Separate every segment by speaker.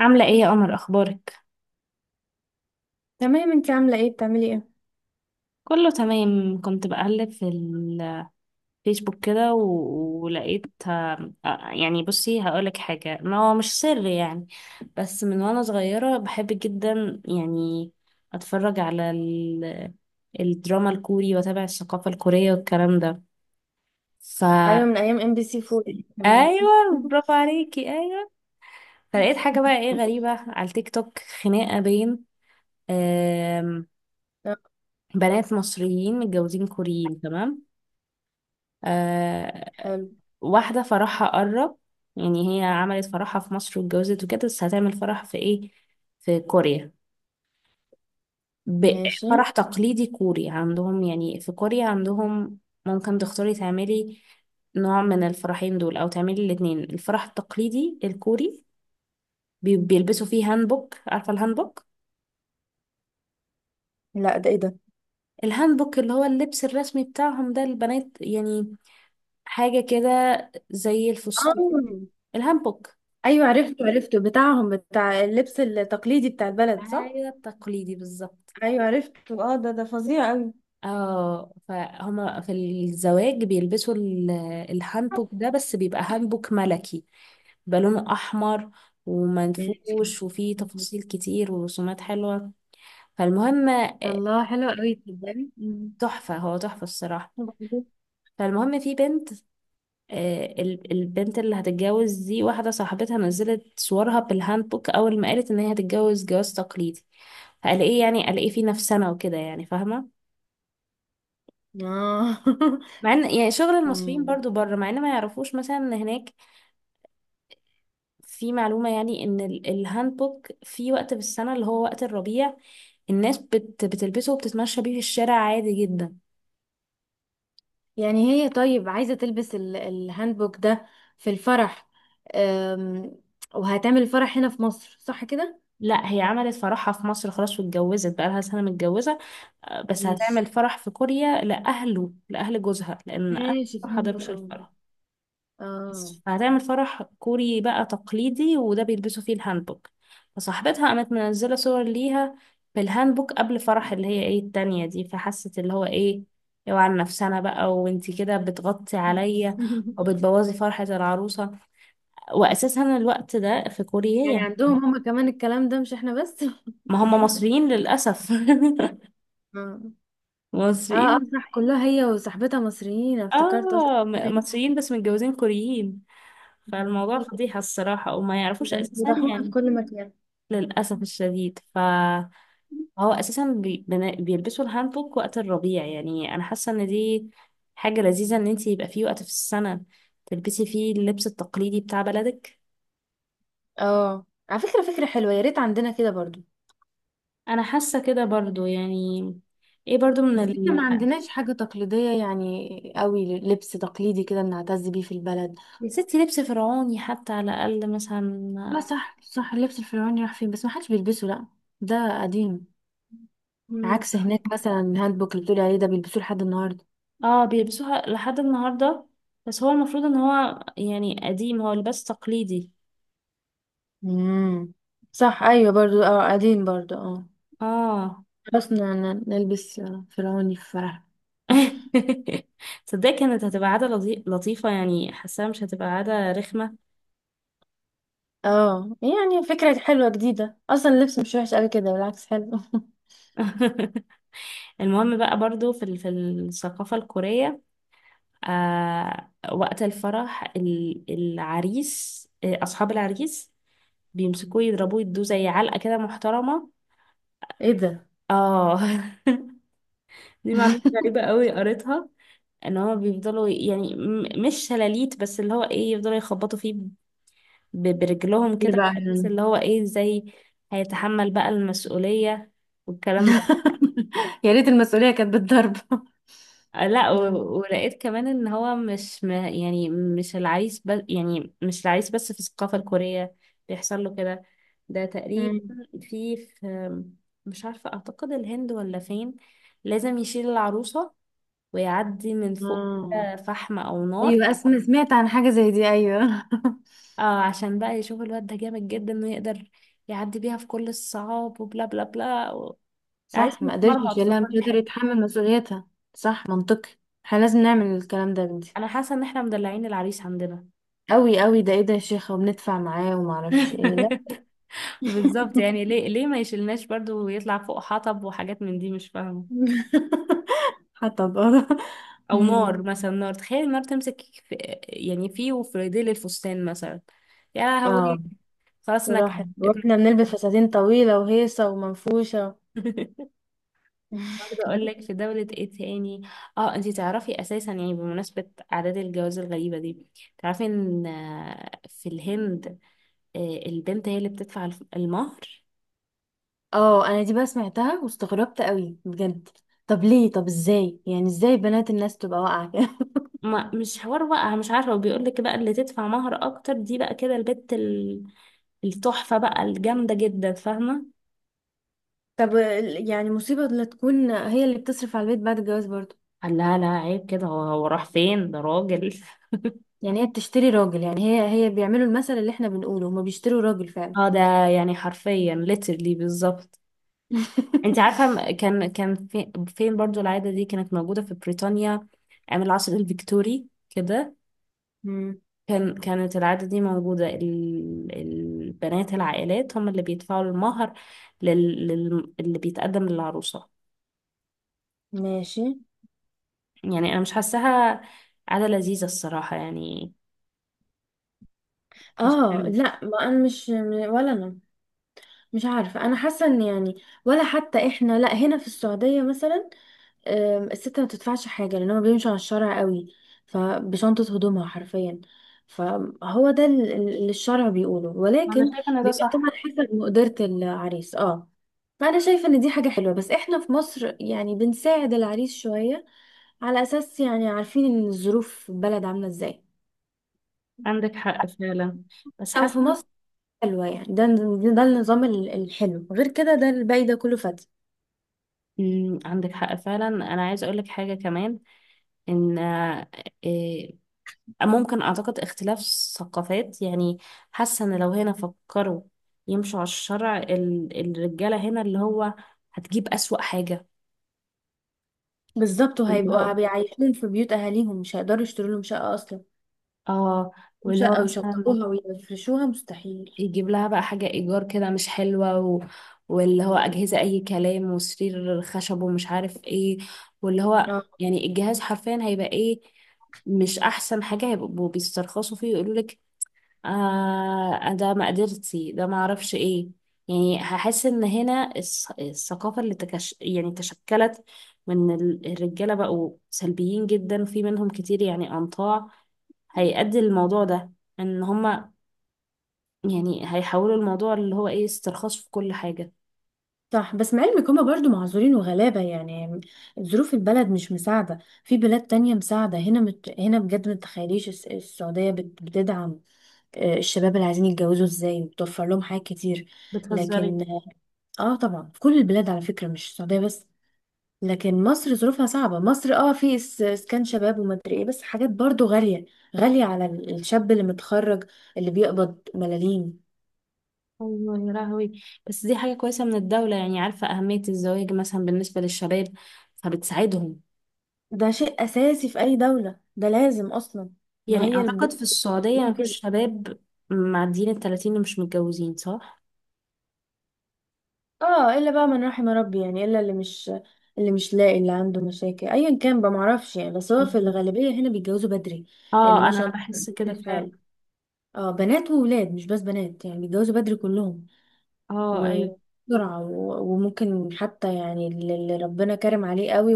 Speaker 1: عاملة ايه يا قمر؟ اخبارك؟
Speaker 2: تمام، انت عامله ايه؟ بتعملي ايه؟
Speaker 1: كله تمام. كنت بقلب في الفيسبوك كده ولقيت. يعني بصي، هقولك حاجة، ما هو مش سر يعني. بس من وانا صغيرة بحب جدا يعني اتفرج على الدراما الكوري، واتابع الثقافة الكورية والكلام ده. ف
Speaker 2: ايوه، من ايام ام بي سي 4 كمان.
Speaker 1: ايوه، برافو عليكي، ايوه. فلقيت حاجة بقى، ايه، غريبة على التيك توك، خناقة بين آم،
Speaker 2: طب
Speaker 1: بنات مصريين متجوزين كوريين. تمام. آه،
Speaker 2: حلو.
Speaker 1: واحدة فرحها قرب، يعني هي عملت فرحها في مصر واتجوزت وكده، بس هتعمل فرح في ايه، في كوريا. ب-
Speaker 2: ماشي.
Speaker 1: فرح تقليدي كوري عندهم. يعني في كوريا عندهم ممكن تختاري تعملي نوع من الفرحين دول، او تعملي الاتنين. الفرح التقليدي الكوري بيلبسوا فيه هانبوك. عارفة الهانبوك؟
Speaker 2: لا، ده ايه ده؟
Speaker 1: الهانبوك اللي هو اللبس الرسمي بتاعهم ده، البنات يعني، حاجة كده زي الفسطيل،
Speaker 2: آه.
Speaker 1: الهانبوك.
Speaker 2: ايوه عرفته، عرفته بتاعهم، بتاع اللبس التقليدي بتاع البلد، صح.
Speaker 1: حاجة تقليدي بالظبط.
Speaker 2: ايوه عرفته، اه ده ده فظيع قوي.
Speaker 1: اه، فهما في الزواج بيلبسوا الهانبوك ده، بس بيبقى هانبوك ملكي، بيبقى لونه احمر
Speaker 2: ماشي.
Speaker 1: ومنفوش وفيه تفاصيل كتير ورسومات حلوه. فالمهم،
Speaker 2: الله حلو قوي، تصدقي.
Speaker 1: تحفه، هو تحفه الصراحه.
Speaker 2: وبعدين؟
Speaker 1: فالمهم، في بنت، البنت اللي هتتجوز دي، واحده صاحبتها نزلت صورها بالهانبوك اول ما قالت ان هي هتتجوز جواز تقليدي. فقال ايه يعني، قال ايه في نفسنا وكده يعني، فاهمه.
Speaker 2: اه.
Speaker 1: مع ان يعني شغل المصريين
Speaker 2: مم.
Speaker 1: برضو بره، مع ان ما يعرفوش مثلا ان هناك في معلومة، يعني ان الهانبوك في وقت في السنة، اللي هو وقت الربيع، الناس بتلبسه وبتتمشى بيه في الشارع عادي جدا.
Speaker 2: يعني هي طيب عايزة تلبس الهاندبوك ده في الفرح، أم، وهتعمل الفرح هنا في مصر صح كده؟
Speaker 1: لا، هي عملت فرحها في مصر خلاص، واتجوزت بقى لها سنة متجوزة. بس
Speaker 2: ماشي.
Speaker 1: هتعمل فرح في كوريا لأهله، لأهل جوزها، لأن أهله
Speaker 2: ماشي
Speaker 1: ما
Speaker 2: فهمت
Speaker 1: حضروش
Speaker 2: اه.
Speaker 1: الفرح.
Speaker 2: اه.
Speaker 1: هتعمل فرح كوري بقى تقليدي، وده بيلبسوا فيه الهانبوك. فصاحبتها قامت منزلة صور ليها بالهانبوك قبل فرح اللي هي ايه التانية دي. فحست اللي هو ايه، اوعى على نفسنا بقى، وانتي كده بتغطي عليا وبتبوظي فرحة العروسة. واساسا الوقت ده في كوريا
Speaker 2: يعني
Speaker 1: يعني،
Speaker 2: عندهم هما كمان الكلام ده، مش احنا بس. اه.
Speaker 1: ما هم مصريين للأسف.
Speaker 2: اه. اه
Speaker 1: مصريين.
Speaker 2: صح، كلها هي وصاحبتها مصريين، أنا افتكرت قلت
Speaker 1: اه،
Speaker 2: إيه ده؟
Speaker 1: مصريين بس متجوزين كوريين. فالموضوع فضيحة الصراحة، وما يعرفوش
Speaker 2: يعني
Speaker 1: اساسا
Speaker 2: بيضحونا في
Speaker 1: يعني.
Speaker 2: كل مكان.
Speaker 1: للأسف الشديد. هو اساسا بيلبسوا الهانبوك وقت الربيع، يعني انا حاسه ان دي حاجه لذيذه، ان انتي يبقى في وقت في السنه تلبسي فيه اللبس التقليدي بتاع بلدك.
Speaker 2: اه، على فكرة فكرة حلوة، يا ريت عندنا كده برضو.
Speaker 1: انا حاسه كده برضو يعني. ايه برضو من
Speaker 2: بس احنا ما عندناش حاجة تقليدية يعني قوي، لبس تقليدي كده بنعتز بيه في البلد.
Speaker 1: يا ستي لبس فرعوني حتى على الاقل
Speaker 2: لا
Speaker 1: مثلا.
Speaker 2: صح صح، اللبس الفرعوني راح فين؟ بس ما حدش بيلبسه، لا ده قديم.
Speaker 1: مم.
Speaker 2: عكس هناك مثلا الهاند بوك اللي بتقولي عليه ده بيلبسوه لحد النهارده.
Speaker 1: اه بيلبسوها لحد النهارده، بس هو المفروض ان هو يعني قديم، هو لباس تقليدي.
Speaker 2: امم. صح ايوه برضو، اه قديم برضو اه.
Speaker 1: اه.
Speaker 2: خلاص نلبس فرعوني في فرح.
Speaker 1: تصدقي كانت هتبقى عادة لطيفة يعني، حاساها مش هتبقى عادة رخمة.
Speaker 2: اه يعني فكرة حلوة جديدة، اصلا اللبس مش وحش قوي كده، بالعكس حلو.
Speaker 1: المهم بقى، برضو في في الثقافة الكورية، آه، وقت الفرح العريس، آه، أصحاب العريس بيمسكوه يضربوه يدوه زي علقة كده محترمة.
Speaker 2: ايه ده؟
Speaker 1: اه. دي معلومة غريبة قوي قريتها، ان هو بيفضلوا يعني، مش شلاليت بس، اللي هو ايه، يفضلوا يخبطوا فيه برجلهم
Speaker 2: ليه
Speaker 1: كده،
Speaker 2: بقى
Speaker 1: بحيث
Speaker 2: يعني؟
Speaker 1: اللي هو ايه، ازاي هيتحمل بقى المسؤولية والكلام.
Speaker 2: يا ريت المسؤولية كانت بالضرب.
Speaker 1: لا،
Speaker 2: مم.
Speaker 1: ولقيت كمان ان هو مش يعني مش العريس بس، يعني مش العريس بس في الثقافة الكورية بيحصل له كده. ده تقريبا
Speaker 2: امم.
Speaker 1: في مش عارفة، اعتقد الهند ولا فين، لازم يشيل العروسة ويعدي من فوق
Speaker 2: آه.
Speaker 1: كده فحم او نار.
Speaker 2: ايوه اسمع، سمعت عن حاجة زي دي ايوه.
Speaker 1: آه، عشان بقى يشوف الواد ده جامد جدا، انه يقدر يعدي بيها في كل الصعاب وبلا بلا بلا عايز
Speaker 2: صح ما قدرش
Speaker 1: متمرمط في
Speaker 2: يشيلها، مش
Speaker 1: كل
Speaker 2: قادر
Speaker 1: حتة.
Speaker 2: يتحمل مسؤوليتها. صح منطقي. احنا لازم نعمل الكلام ده يا بنتي.
Speaker 1: انا حاسة ان احنا مدلعين العريس عندنا.
Speaker 2: قوي قوي، ده ايه ده يا شيخة، وبندفع معاه وما اعرفش ايه، لا.
Speaker 1: بالظبط، يعني ليه، ليه ما يشيلناش برضو ويطلع فوق حطب وحاجات من دي، مش فاهمة.
Speaker 2: حتى بقى
Speaker 1: او نار
Speaker 2: أمم.
Speaker 1: مثلا، نار، تخيل النار تمسك في، يعني فيه، وفي ديل الفستان مثلا، يا هوي،
Speaker 2: اه
Speaker 1: خلاص
Speaker 2: راحت،
Speaker 1: نكد.
Speaker 2: واحنا بنلبس فساتين طويلة وهيصة ومنفوشة.
Speaker 1: برضه اقول لك في دولة ايه تاني، اه انتي تعرفي اساسا يعني، بمناسبة اعداد الجواز الغريبة دي، تعرفي ان في الهند، آه، البنت هي اللي بتدفع المهر.
Speaker 2: اه انا دي بقى سمعتها واستغربت قوي بجد. طب ليه؟ طب ازاي يعني؟ ازاي بنات الناس تبقى واقعة كده؟
Speaker 1: ما مش حوار بقى، مش عارفة. وبيقول لك بقى اللي تدفع مهر أكتر دي بقى كده البت التحفة بقى الجامدة جدا، فاهمة.
Speaker 2: طب يعني مصيبة، لا تكون هي اللي بتصرف على البيت بعد الجواز برضه؟
Speaker 1: قال لها لا، عيب كده، هو راح فين ده، راجل.
Speaker 2: يعني هي بتشتري راجل، يعني هي بيعملوا المثل اللي احنا بنقوله، هما بيشتروا راجل فعلا.
Speaker 1: اه، ده يعني حرفيا literally بالظبط. انت عارفة، كان في فين برضو، العادة دي كانت موجودة في بريطانيا أيام العصر الفيكتوري كده.
Speaker 2: مم.
Speaker 1: كانت العادة دي موجودة، البنات العائلات هم اللي بيدفعوا المهر اللي بيتقدم للعروسة.
Speaker 2: ماشي.
Speaker 1: يعني انا مش حاساها عادة لذيذة الصراحة يعني، مش
Speaker 2: اه
Speaker 1: حلو.
Speaker 2: لا ما انا مش، ولا انا. مش عارفه، انا حاسه ان يعني ولا حتى احنا، لا هنا في السعوديه مثلا الست ما بتدفعش حاجة، لأنهم بيمشوا على الشارع قوي، فبشنطة هدومها حرفيا. فهو ده اللي الشرع بيقوله،
Speaker 1: انا
Speaker 2: ولكن
Speaker 1: شايفة ان ده
Speaker 2: بيبقى طبعا
Speaker 1: صح.
Speaker 2: حسب مقدرة العريس اه. فأنا شايفة إن دي حاجة حلوة، بس إحنا في مصر يعني بنساعد العريس شوية، على أساس يعني عارفين إن الظروف في البلد عاملة إزاي.
Speaker 1: عندك حق فعلا، بس
Speaker 2: أو
Speaker 1: حاسة
Speaker 2: في
Speaker 1: إن.
Speaker 2: مصر حلوة يعني، ده ده النظام الحلو، غير كده ده الباقي ده كله فاتي.
Speaker 1: مم، عندك حق فعلا. انا عايزة اقولك حاجة كمان، ان آه، إيه، ممكن اعتقد اختلاف ثقافات يعني. حاسة ان لو هنا فكروا يمشوا على الشرع، الرجالة هنا اللي هو هتجيب اسوأ حاجة،
Speaker 2: بالظبط،
Speaker 1: اللي
Speaker 2: وهيبقوا
Speaker 1: هو
Speaker 2: بيعيشون في بيوت أهاليهم، مش هيقدروا يشتروا لهم شقة أصلا،
Speaker 1: اه،
Speaker 2: مش
Speaker 1: واللي هو
Speaker 2: او
Speaker 1: مثلا
Speaker 2: يشطبوها ويفرشوها، مستحيل.
Speaker 1: يجيب لها بقى حاجة إيجار كده مش حلوة واللي هو أجهزة أي كلام وسرير خشب ومش عارف إيه، واللي هو
Speaker 2: اه
Speaker 1: يعني الجهاز حرفيا هيبقى إيه، مش أحسن حاجة. هيبقوا بيسترخصوا فيه ويقولوا لك ده مقدرتي، ده معرفش إيه. يعني هحس إن هنا الثقافة اللي يعني تشكلت من الرجالة بقوا سلبيين جدا، وفي منهم كتير يعني أنطاع، هيؤدي الموضوع ده ان هما يعني هيحولوا الموضوع اللي هو ايه استرخاص في كل حاجة.
Speaker 2: صح، بس مع علمك هما برضو معذورين وغلابة يعني، ظروف البلد مش مساعدة. في بلاد تانية مساعدة، هنا هنا بجد ما تتخيليش، السعودية بتدعم الشباب اللي عايزين يتجوزوا ازاي، وبتوفر لهم حاجات كتير.
Speaker 1: بتهزري؟
Speaker 2: لكن اه طبعا في كل البلاد على فكرة، مش السعودية بس. لكن مصر ظروفها صعبة، مصر اه في اسكان شباب ومدري ايه، بس حاجات برضو غالية، غالية على الشاب اللي متخرج، اللي بيقبض ملاليم.
Speaker 1: ايوه يا لهوي. بس دي حاجة كويسة من الدولة، يعني عارفة أهمية الزواج مثلا بالنسبة للشباب فبتساعدهم.
Speaker 2: ده شيء اساسي في اي دولة، ده لازم اصلا. ما
Speaker 1: يعني
Speaker 2: هي
Speaker 1: أعتقد
Speaker 2: البلاد
Speaker 1: في السعودية مفيش شباب معديين التلاتين اللي مش متجوزين، صح؟
Speaker 2: اه الا بقى من رحم ربي يعني، الا اللي مش، اللي مش لاقي، اللي عنده مشاكل ايا كان بقى معرفش يعني، بس هو في
Speaker 1: مم.
Speaker 2: الغالبية هنا بيتجوزوا بدري. لان
Speaker 1: اه،
Speaker 2: ما شاء
Speaker 1: أنا
Speaker 2: الله
Speaker 1: بحس كده فعلا.
Speaker 2: الحال، اه بنات وولاد، مش بس بنات يعني، بيتجوزوا بدري كلهم،
Speaker 1: اه أيوه.
Speaker 2: وبسرعة وممكن حتى يعني اللي ربنا كرم عليه قوي،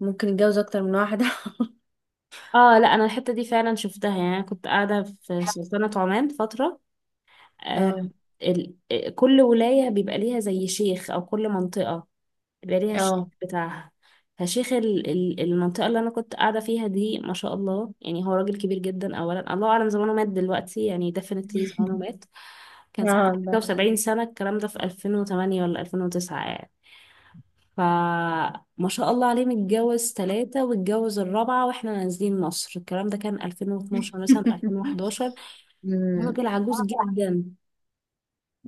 Speaker 2: وممكن يتجوز اكتر من واحدة.
Speaker 1: اه لا، أنا الحتة دي فعلا شفتها. يعني أنا كنت قاعدة في سلطنة عمان فترة. آه.
Speaker 2: اه.
Speaker 1: كل ولاية بيبقى ليها زي شيخ، أو كل منطقة يبقى ليها الشيخ
Speaker 2: اه.
Speaker 1: بتاعها. فشيخ المنطقة اللي أنا كنت قاعدة فيها دي، ما شاء الله يعني، هو راجل كبير جدا. أولا الله أعلم زمانه مات دلوقتي يعني، definitely زمانه مات.
Speaker 2: اه
Speaker 1: ساعتها حاجة
Speaker 2: بس.
Speaker 1: وسبعين سنة، الكلام ده في 2008 ولا 2009 يعني. فما شاء الله عليه، متجوز ثلاثة واتجوز الرابعة واحنا نازلين مصر. الكلام ده كان 2012 مثلا، 2011. هو
Speaker 2: مم.
Speaker 1: راجل عجوز جدا،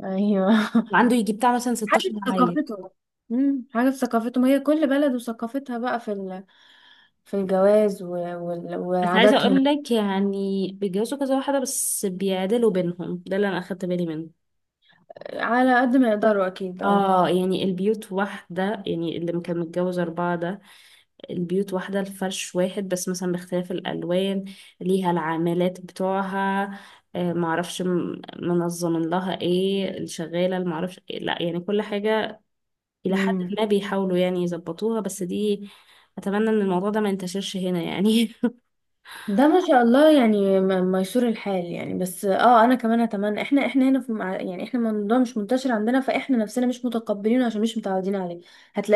Speaker 2: ايوه.
Speaker 1: وعنده يجي بتاع مثلا
Speaker 2: حاجة
Speaker 1: 16
Speaker 2: في
Speaker 1: عيل.
Speaker 2: ثقافته. حاجة في ثقافته، ما هي كل بلد وثقافتها بقى في ال...، في الجواز و...، وال...،
Speaker 1: بس عايزة
Speaker 2: وعاداتهم.
Speaker 1: اقول لك يعني، بيتجوزوا كذا واحدة بس بيعدلوا بينهم، ده اللي انا اخدت بالي منه.
Speaker 2: على قد ما يقدروا أكيد اه.
Speaker 1: اه، يعني البيوت واحدة. يعني اللي كان متجوز أربعة ده، البيوت واحدة، الفرش واحد بس مثلا باختلاف الألوان، ليها العاملات بتوعها، آه معرفش منظمين لها ايه، الشغالة، المعرفش إيه. لا يعني كل حاجة إلى حد
Speaker 2: مم.
Speaker 1: ما بيحاولوا يعني يظبطوها، بس دي، أتمنى إن الموضوع ده ما ينتشرش هنا يعني.
Speaker 2: ده ما شاء الله يعني ميسور الحال يعني، بس اه انا كمان اتمنى، احنا هنا في يعني احنا الموضوع مش منتشر عندنا، فاحنا نفسنا مش متقبلينه عشان مش متعودين عليه.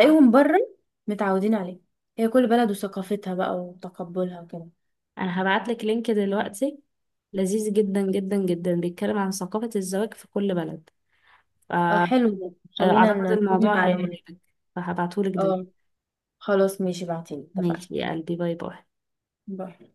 Speaker 2: بره متعودين عليه. هي كل بلد وثقافتها بقى وتقبلها وكده.
Speaker 1: انا هبعت لك لينك دلوقتي لذيذ جدا جدا جدا، بيتكلم عن ثقافة الزواج في كل بلد،
Speaker 2: اه حلو ده. خلينا
Speaker 1: فأعتقد
Speaker 2: نلم
Speaker 1: الموضوع
Speaker 2: معلومات.
Speaker 1: هيعجبك. فهبعته لك دلوقتي.
Speaker 2: اه خلاص ماشي، بعتيلي اتفقنا.
Speaker 1: ماشي يا قلبي، باي باي.
Speaker 2: باي.